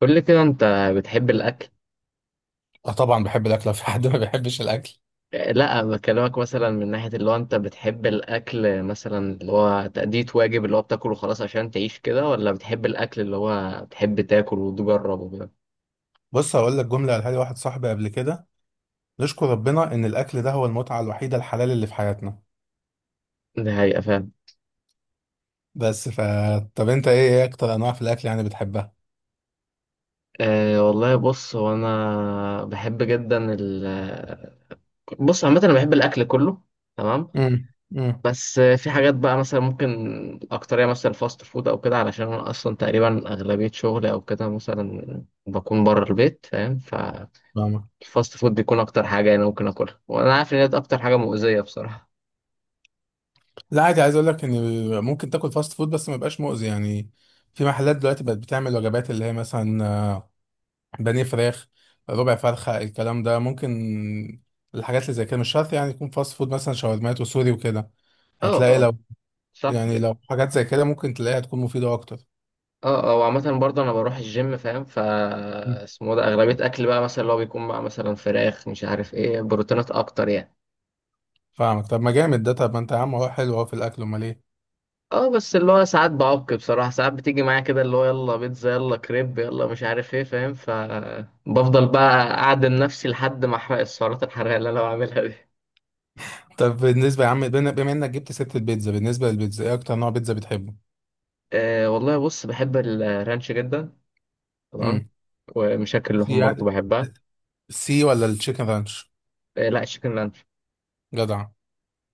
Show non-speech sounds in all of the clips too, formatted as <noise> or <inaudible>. قول لي كده انت بتحب الاكل؟ اه، طبعا بحب الاكل. لو في حد ما بيحبش الاكل. لا بكلمك مثلا من ناحية اللي هو انت بتحب الاكل، مثلا اللي هو تأدية واجب، اللي هو بتاكله خلاص عشان تعيش كده، ولا بتحب الاكل اللي هو بتحب تاكل وتجربه كده؟ بص، هقول لك جمله قالها لي واحد صاحبي قبل كده. نشكر ربنا ان الاكل ده هو المتعه الوحيده الحلال اللي في حياتنا. ده حقيقة، فاهم. بس ف طب انت ايه اكتر انواع في الاكل يعني بتحبها؟ أه والله، بص، هو انا بحب جدا ال عامة انا بحب الاكل كله، تمام. امم. امم. بس في حاجات بقى مثلا ممكن اكترية مثلا فاست فود او كده، علشان انا اصلا تقريبا اغلبية شغلي او كده مثلا بكون بره البيت، فاهم. ف فاهمك. الفاست فود بيكون اكتر حاجه انا ممكن اكلها، وانا عارف ان دي اكتر حاجه مؤذيه بصراحه. لا عادي، عايز اقول لك ان ممكن تاكل فاست فود بس ما يبقاش مؤذي يعني. في محلات دلوقتي بقت بتعمل وجبات اللي هي مثلا بانيه فراخ، ربع فرخه، الكلام ده ممكن. الحاجات اللي زي كده مش شرط يعني يكون فاست فود، مثلا شاورمات وسوري وكده. اه هتلاقي اه، لو صح يعني كده. لو حاجات زي كده ممكن تلاقيها تكون مفيدة أكتر. اه اه، وعامة برضه انا بروح الجيم، فاهم. ف مم. اسمه ده اغلبية اكل بقى مثلا اللي هو بيكون مع مثلا فراخ، مش عارف ايه، بروتينات اكتر يعني. فاهمك. طب ما جامد ده. طب ما أنت يا عم، هو حلو أهو في الأكل، أمال إيه؟ اه بس اللي هو ساعات بعك بصراحة، ساعات بتيجي معايا كده اللي هو يلا بيتزا يلا كريب يلا مش عارف ايه، فاهم. ف بفضل بقى اعدم نفسي لحد ما احرق السعرات الحرارية اللي انا بعملها دي. طب بالنسبة يا عم، بما إنك جبت سيرة البيتزا، بالنسبة للبيتزا إيه أكتر نوع بيتزا بتحبه؟ آه والله، بص، بحب الرانش جدا، تمام. امم. ومشاكل سي اللحوم برضه بحبها. سي ولا التشيكن رانش؟ لا، الشيكن لانش. جدع.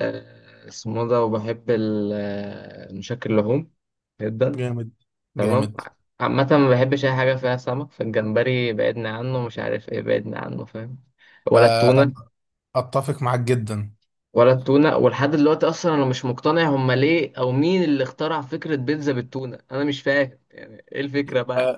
اسمه ده، وبحب مشكل اللحوم جدا، جامد تمام. جامد. عامة ما بحبش أي حاجة فيها سمك، فالجمبري بعدنا عنه، مش عارف إيه بعدنا عنه، فاهم. ولا آه أنا التونة. أتفق معاك جدا. ولا التونة، ولحد دلوقتي أصلا أنا مش مقتنع هما ليه، أو مين اللي اخترع فكرة بيتزا بالتونة، أنا مش فاهم يعني إيه الفكرة بقى.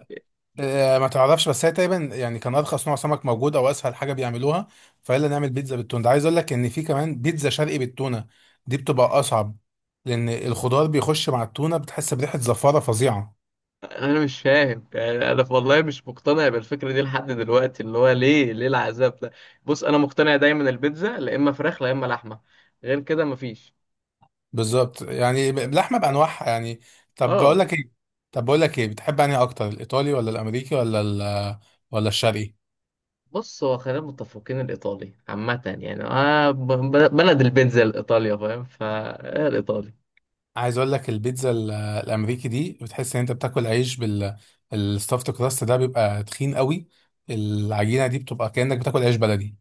ما تعرفش، بس هي تقريبا يعني كان ارخص نوع سمك موجود او اسهل حاجه بيعملوها، فيلا نعمل بيتزا بالتونه. ده عايز اقول لك ان في كمان بيتزا شرقي بالتونه، دي بتبقى اصعب لان الخضار بيخش مع التونه بتحس بريحه زفاره فظيعه. انا مش فاهم يعني، انا والله مش مقتنع بالفكره دي لحد دلوقتي، اللي هو ليه، ليه العذاب ده. بص انا مقتنع دايما البيتزا لا اما فراخ لا اما لحمه، غير كده مفيش. بالظبط، يعني فاهم. اللحمه بانواعها يعني. طب بقول اه لك ايه طب بقول لك ايه، بتحب انهي اكتر، الايطالي ولا الامريكي ولا الشرقي؟ بص، هو خلينا متفقين الايطالي عامه يعني، آه بلد البيتزا الايطاليا، فاهم. فالايطالي عايز اقول لك البيتزا الامريكي دي بتحس ان انت بتاكل عيش الستافت كراست ده بيبقى تخين قوي، العجينه دي بتبقى كانك بتاكل عيش بلدي.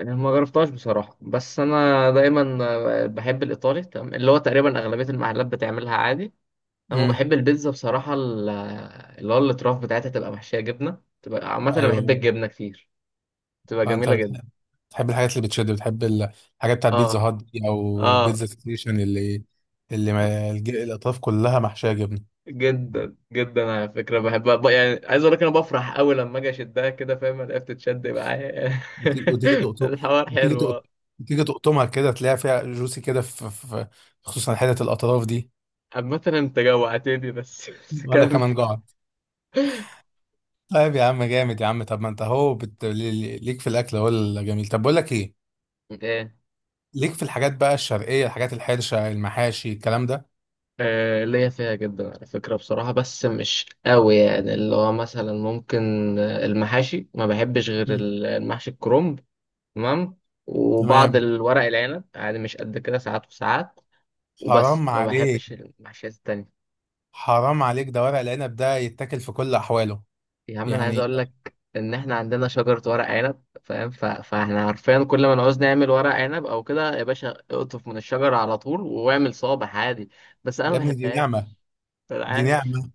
ما جربتهاش بصراحه، بس انا دايما بحب الايطالي، تمام. اللي هو تقريبا اغلبيه المحلات بتعملها عادي. انا امم. بحب البيتزا بصراحه اللي هو الاطراف بتاعتها تبقى محشيه جبنه، تبقى عامه انا ايوه. بحب الجبنه كتير، تبقى انت جميله جدا. بتحب الحاجات اللي بتشد، بتحب الحاجات بتاعت بيتزا اه هات دي او اه، بيتزا ستيشن اللي ما الاطراف كلها محشيه جبنه. جدا جدا على فكره بحبها. يعني عايز اقول لك انا بفرح قوي لما اجي اشدها كده، فاهم، الاقيها بتتشد معايا. وتيجي <laughs> تقطم. الحوار وتيجي حلو، تقط- آه. وتيجي تقطمها كده تلاقي فيها جوسي كده خصوصا حته الاطراف دي. عامه انت جوعتني، بس بس وانا كمل. كمان جعان. طيب يا عم جامد يا عم. طب ما انت اهو ليك في الاكل هو الجميل. طب بقول لك ايه، ايه؟ ليك في الحاجات بقى الشرقيه، الحاجات الحرشه، المحاشي الكلام ده. آه، ليا فيها جدا على فكرة بصراحة، بس مش قوي يعني، اللي هو مثلا ممكن، المحاشي ما بحبش غير مم. المحشي الكرنب، تمام. وبعض تمام. الورق العنب عادي، مش قد كده، ساعات وساعات. وبس، حرام ما عليك. بحبش المحشيات التانية. حرام عليك، ده ورق العنب ده يتاكل في كل احواله يا عم انا عايز يعني. اقول لك ان احنا عندنا شجرة ورق عنب، فاهم. ف... فاحنا عارفين كل ما نعوز نعمل ورق عنب او كده، يا باشا اقطف من الشجرة على طول واعمل صابع عادي، بس انا ما يا ابني دي بحبهاش. نعمه. انا دي عارف. نعمه.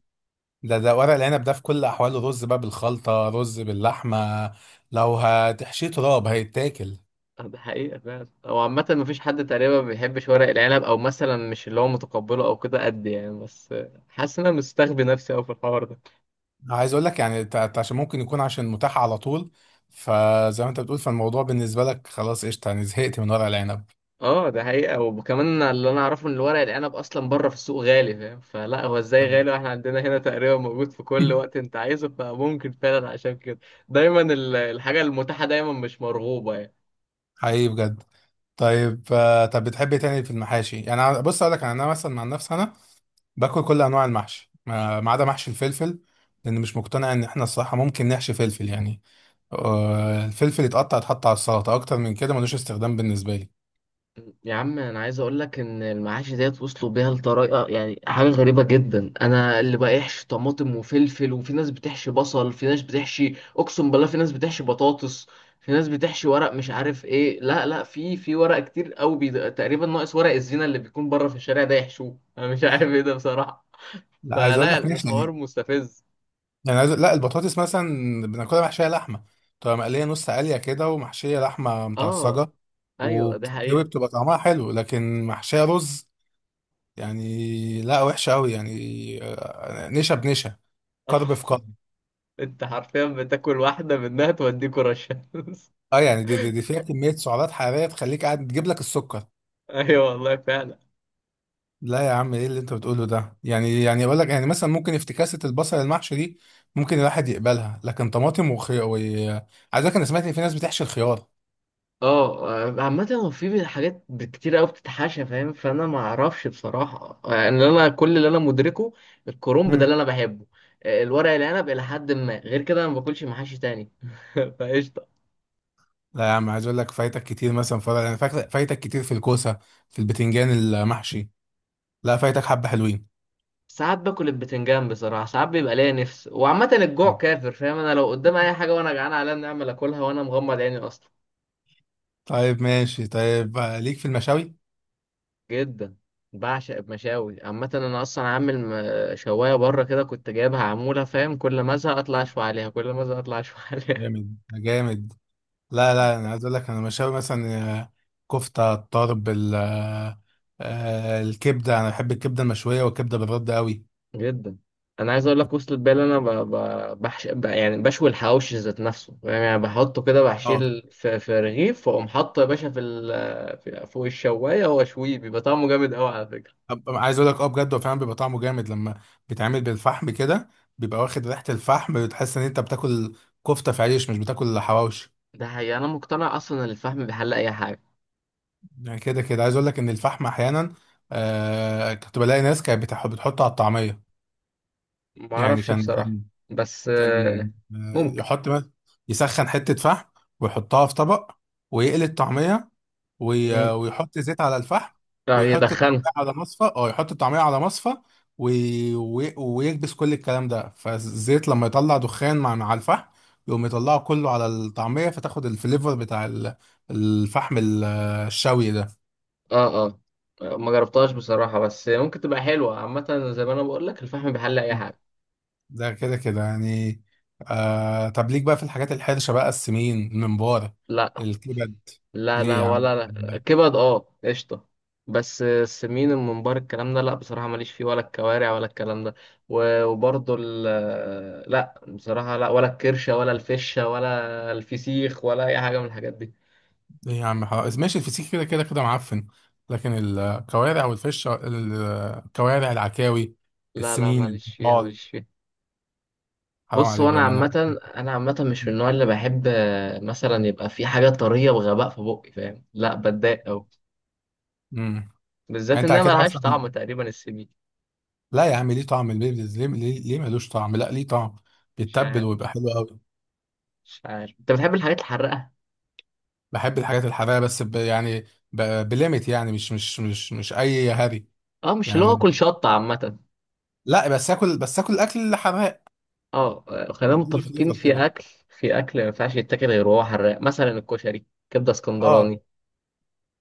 ده ورق العنب ده في كل احواله، رز بقى بالخلطه، رز باللحمه. لو هتحشيه تراب هيتاكل. ده حقيقة فعلا، هو عامة مفيش حد تقريبا ما بيحبش ورق العنب، او مثلا مش اللي هو متقبله او كده قد يعني، بس حاسس ان انا مستخبي نفسي اوي في الحوار ده. عايز اقول لك يعني عشان ممكن يكون عشان متاح على طول، فزي ما انت بتقول فالموضوع بالنسبه لك خلاص قشطه يعني، زهقت من ورق العنب. اه ده حقيقة، وكمان اللي انا اعرفه ان الورق العنب اصلا بره في السوق غالي، فاهم. فلا هو ازاي غالي <laughs> واحنا عندنا هنا تقريبا موجود في كل وقت انت عايزه، فممكن فعلا عشان كده دايما الحاجة المتاحة دايما مش مرغوبة. حقيقي بجد. طيب، طب بتحب إيه تاني في المحاشي؟ يعني بص اقول لك يعني انا مثلا مع نفسي، انا باكل كل انواع المحشي ما عدا محشي الفلفل. لان مش مقتنع ان احنا الصراحه ممكن نحشي فلفل يعني. الفلفل يتقطع يتحط على السلطه، اكتر من كده ملوش استخدام بالنسبه لي. يا عم انا عايز اقول لك ان المعاش ديت وصلوا بيها لطريقه، يعني حاجه غريبه جدا. انا اللي بقيحش طماطم وفلفل، وفي ناس بتحشي بصل، في ناس بتحشي اقسم بالله، في ناس بتحشي بطاطس، في ناس بتحشي ورق مش عارف ايه، لا لا في ورق كتير قوي، بي... تقريبا ناقص ورق الزينه اللي بيكون بره في الشارع ده يحشوه، انا مش عارف ايه ده بصراحه، لا عايز اقول فلا لك نحشي الحوار مستفز. يعني، عايز لا البطاطس مثلا بناكلها محشيه لحمه، بتبقى مقليه نص قليه كده ومحشيه لحمه اه متعصجه، ايوه، ده وبتتسوي حقيقه. بتبقى طعمها حلو. لكن محشيه رز يعني، لا وحشه قوي يعني. نشا بنشا، آه. كرب في <laughs> كرب. انت حرفيا بتاكل واحده منها توديك رشا. <laughs> اه يعني دي فيها كميه سعرات حراريه تخليك قاعد تجيب لك السكر. ايوه والله فعلا. لا يا عم، ايه اللي انت بتقوله ده يعني، اقول لك يعني مثلا، ممكن افتكاسه البصل المحشي دي ممكن الواحد يقبلها، لكن طماطم وخيار و... عايز اقول لك انا سمعت ان في ناس بتحشي الخيار. اه، عامة هو في حاجات كتير قوي بتتحاشى، فاهم. فانا ما اعرفش بصراحة يعني، انا كل اللي انا مدركه الكرنب ده اللي انا بحبه، الورق العنب الى حد ما، غير كده انا ما باكلش محاشي تاني. <laughs> فقشطة. لا يا عم، عايز اقول لك فايتك كتير مثلا فرع، انا فاكر فايتك كتير في الكوسه، في البتنجان المحشي. لا فايتك حبه حلوين. ساعات باكل البتنجان بصراحة، ساعات بيبقى ليا نفس، وعامة الجوع كافر، فاهم، انا لو قدام اي حاجة وانا جعان عليا نعمل اكلها وانا مغمض عيني اصلا. طيب ماشي، طيب ليك في المشاوي؟ جدا، بعشق المشاوي عامة. انا اصلا عامل شواية بره كده كنت جايبها عمولة، فاهم، كل ما ازهق اطلع اشوي عليها، كل ما ازهق اطلع اشوي <laughs> عليها. جامد جامد. لا لا، انا عايز اقول لك انا مشاوي مثلا كفته، الطرب الكبده، انا بحب الكبده المشويه والكبده بالرد قوي. جدا. انا عايز اقول لك وصلت بالي، انا ب... ب... بحش... ب... يعني بشوي الحواوشي ذات نفسه، فاهم؟ يعني بحطه كده اه، بحشيل في رغيف واقوم حاطه يا باشا في، ال... في فوق الشوايه واشويه، بيبقى طعمه جامد قوي على فكره. عايز اقول لك اه بجد، هو فعلا بيبقى طعمه جامد لما بيتعمل بالفحم كده، بيبقى واخد ريحه الفحم بتحس ان انت بتاكل كفته في عيش مش بتاكل حواوشي. ده حقيقي، انا مقتنع اصلا ان الفحم بيحل اي حاجه. يعني كده كده، عايز اقول لك ان الفحم احيانا كنت بلاقي ناس كانت بتحطه على الطعميه. ما يعني اعرفش بصراحه، بس كان آه ممكن. يحط مث- يسخن حته فحم، ويحطها في طبق، ويقلي الطعميه، مم. ويحط زيت على الفحم، اه ويحط يدخنها. الطعميه على مصفى، يحط الطعميه على مصفى، ويكبس كل الكلام ده فالزيت، لما يطلع دخان مع الفحم، يقوم يطلعه كله على الطعميه، فتاخد الفليفر بتاع الفحم الشوي. اه اه، ما جربتهاش بصراحه، بس ممكن تبقى حلوه. عامه زي ما انا بقول لك الفحم بيحل اي ده حاجه. ده كده كده يعني. طب ليك بقى في الحاجات الحرشة بقى، السمين، الممبار، لا. الكبد؟ لا ليه لا يا لا ولا عم لا. كبد اه قشطة. بس السمين الممبار الكلام ده لا، بصراحة ماليش فيه، ولا الكوارع ولا الكلام ده. وبرضه ال لا بصراحة لا، ولا الكرشة ولا الفشة ولا الفسيخ ولا أي حاجة من الحاجات دي. ليه يا عم، حرام، ماشي الفسيخ كده كده كده معفن، لكن الكوارع والفش، الكوارع، العكاوي، لا لا، السمين ماليش فيها البطال، ماليش فيها. حرام بص هو عليك أنا بقى، ما انا. عامة، أنا عامة مش من النوع اللي بحب مثلا يبقى في حاجة طرية بغباء في بقي، فاهم، لا بتضايق أوي، امم. يعني بالذات انت إنها على كده ملهاش مثلا، طعم تقريبا السمين. لا يا عم، ليه طعم البيبلز؟ ليه ملوش طعم؟ لا، ليه طعم، مش بيتبل عارف. ويبقى حلو قوي. مش عارف. أنت بتحب الحاجات الحراقة؟ بحب الحاجات الحراقه، بس يعني ب... بليمت يعني، مش اي هري اه مش اللي هو يعني. اكل شطه عامه. لا بس اكل اكل حراق اه، خلينا يديله متفقين، فليفر كده. في اكل، في اكل ما ينفعش يتاكل غير وهو حراق، مثلا الكشري، كبده اه اسكندراني.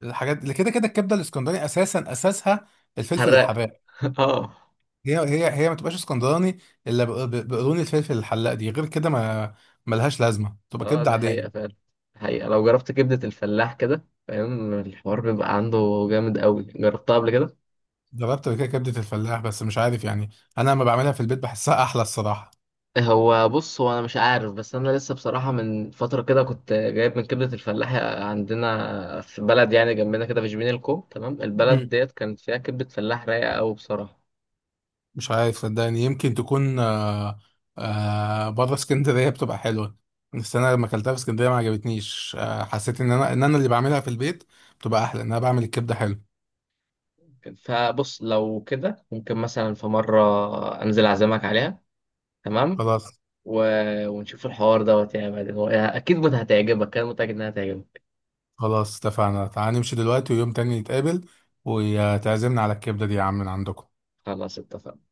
الحاجات اللي كده كده، الكبده الاسكندراني اساسا اساسها الفلفل حراق. الحراق. <laughs> اه هي ما تبقاش اسكندراني الا بقرون الفلفل الحلاق دي، غير كده ما ملهاش لازمه، تبقى اه، كبده ده حقيقه عاديه. فعلا. حقيقه لو جربت كبده الفلاح كده، فاهم، الحوار بيبقى عنده جامد قوي. جربتها قبل كده؟ جربت قبل كده كبده الفلاح بس مش عارف يعني، انا لما بعملها في البيت بحسها احلى الصراحه. هو بص، هو انا مش عارف، بس انا لسه بصراحه من فتره كده كنت جايب من كبده الفلاح عندنا في بلد يعني جنبنا كده في جبين الكوم، تمام، البلد ديت كانت فيها كبده فلاح رايقه قوي بصراحه. مش عارف صدقني، يمكن تكون بره اسكندريه بتبقى حلوه، بس انا لما اكلتها في اسكندريه ما عجبتنيش. حسيت ان انا اللي بعملها في البيت بتبقى احلى، ان انا بعمل الكبده حلو. فبص لو كده ممكن مثلا في مرة أنزل أعزمك عليها، تمام. خلاص. و... ونشوف الحوار دوت يعني بعدين، هو أكيد هتعجبك، أنا متأكد إنها هتعجبك. خلاص اتفقنا، تعال نمشي دلوقتي، ويوم تاني نتقابل وتعزمنا على الكبده دي يا عم من عندكم. خلاص اتفقنا.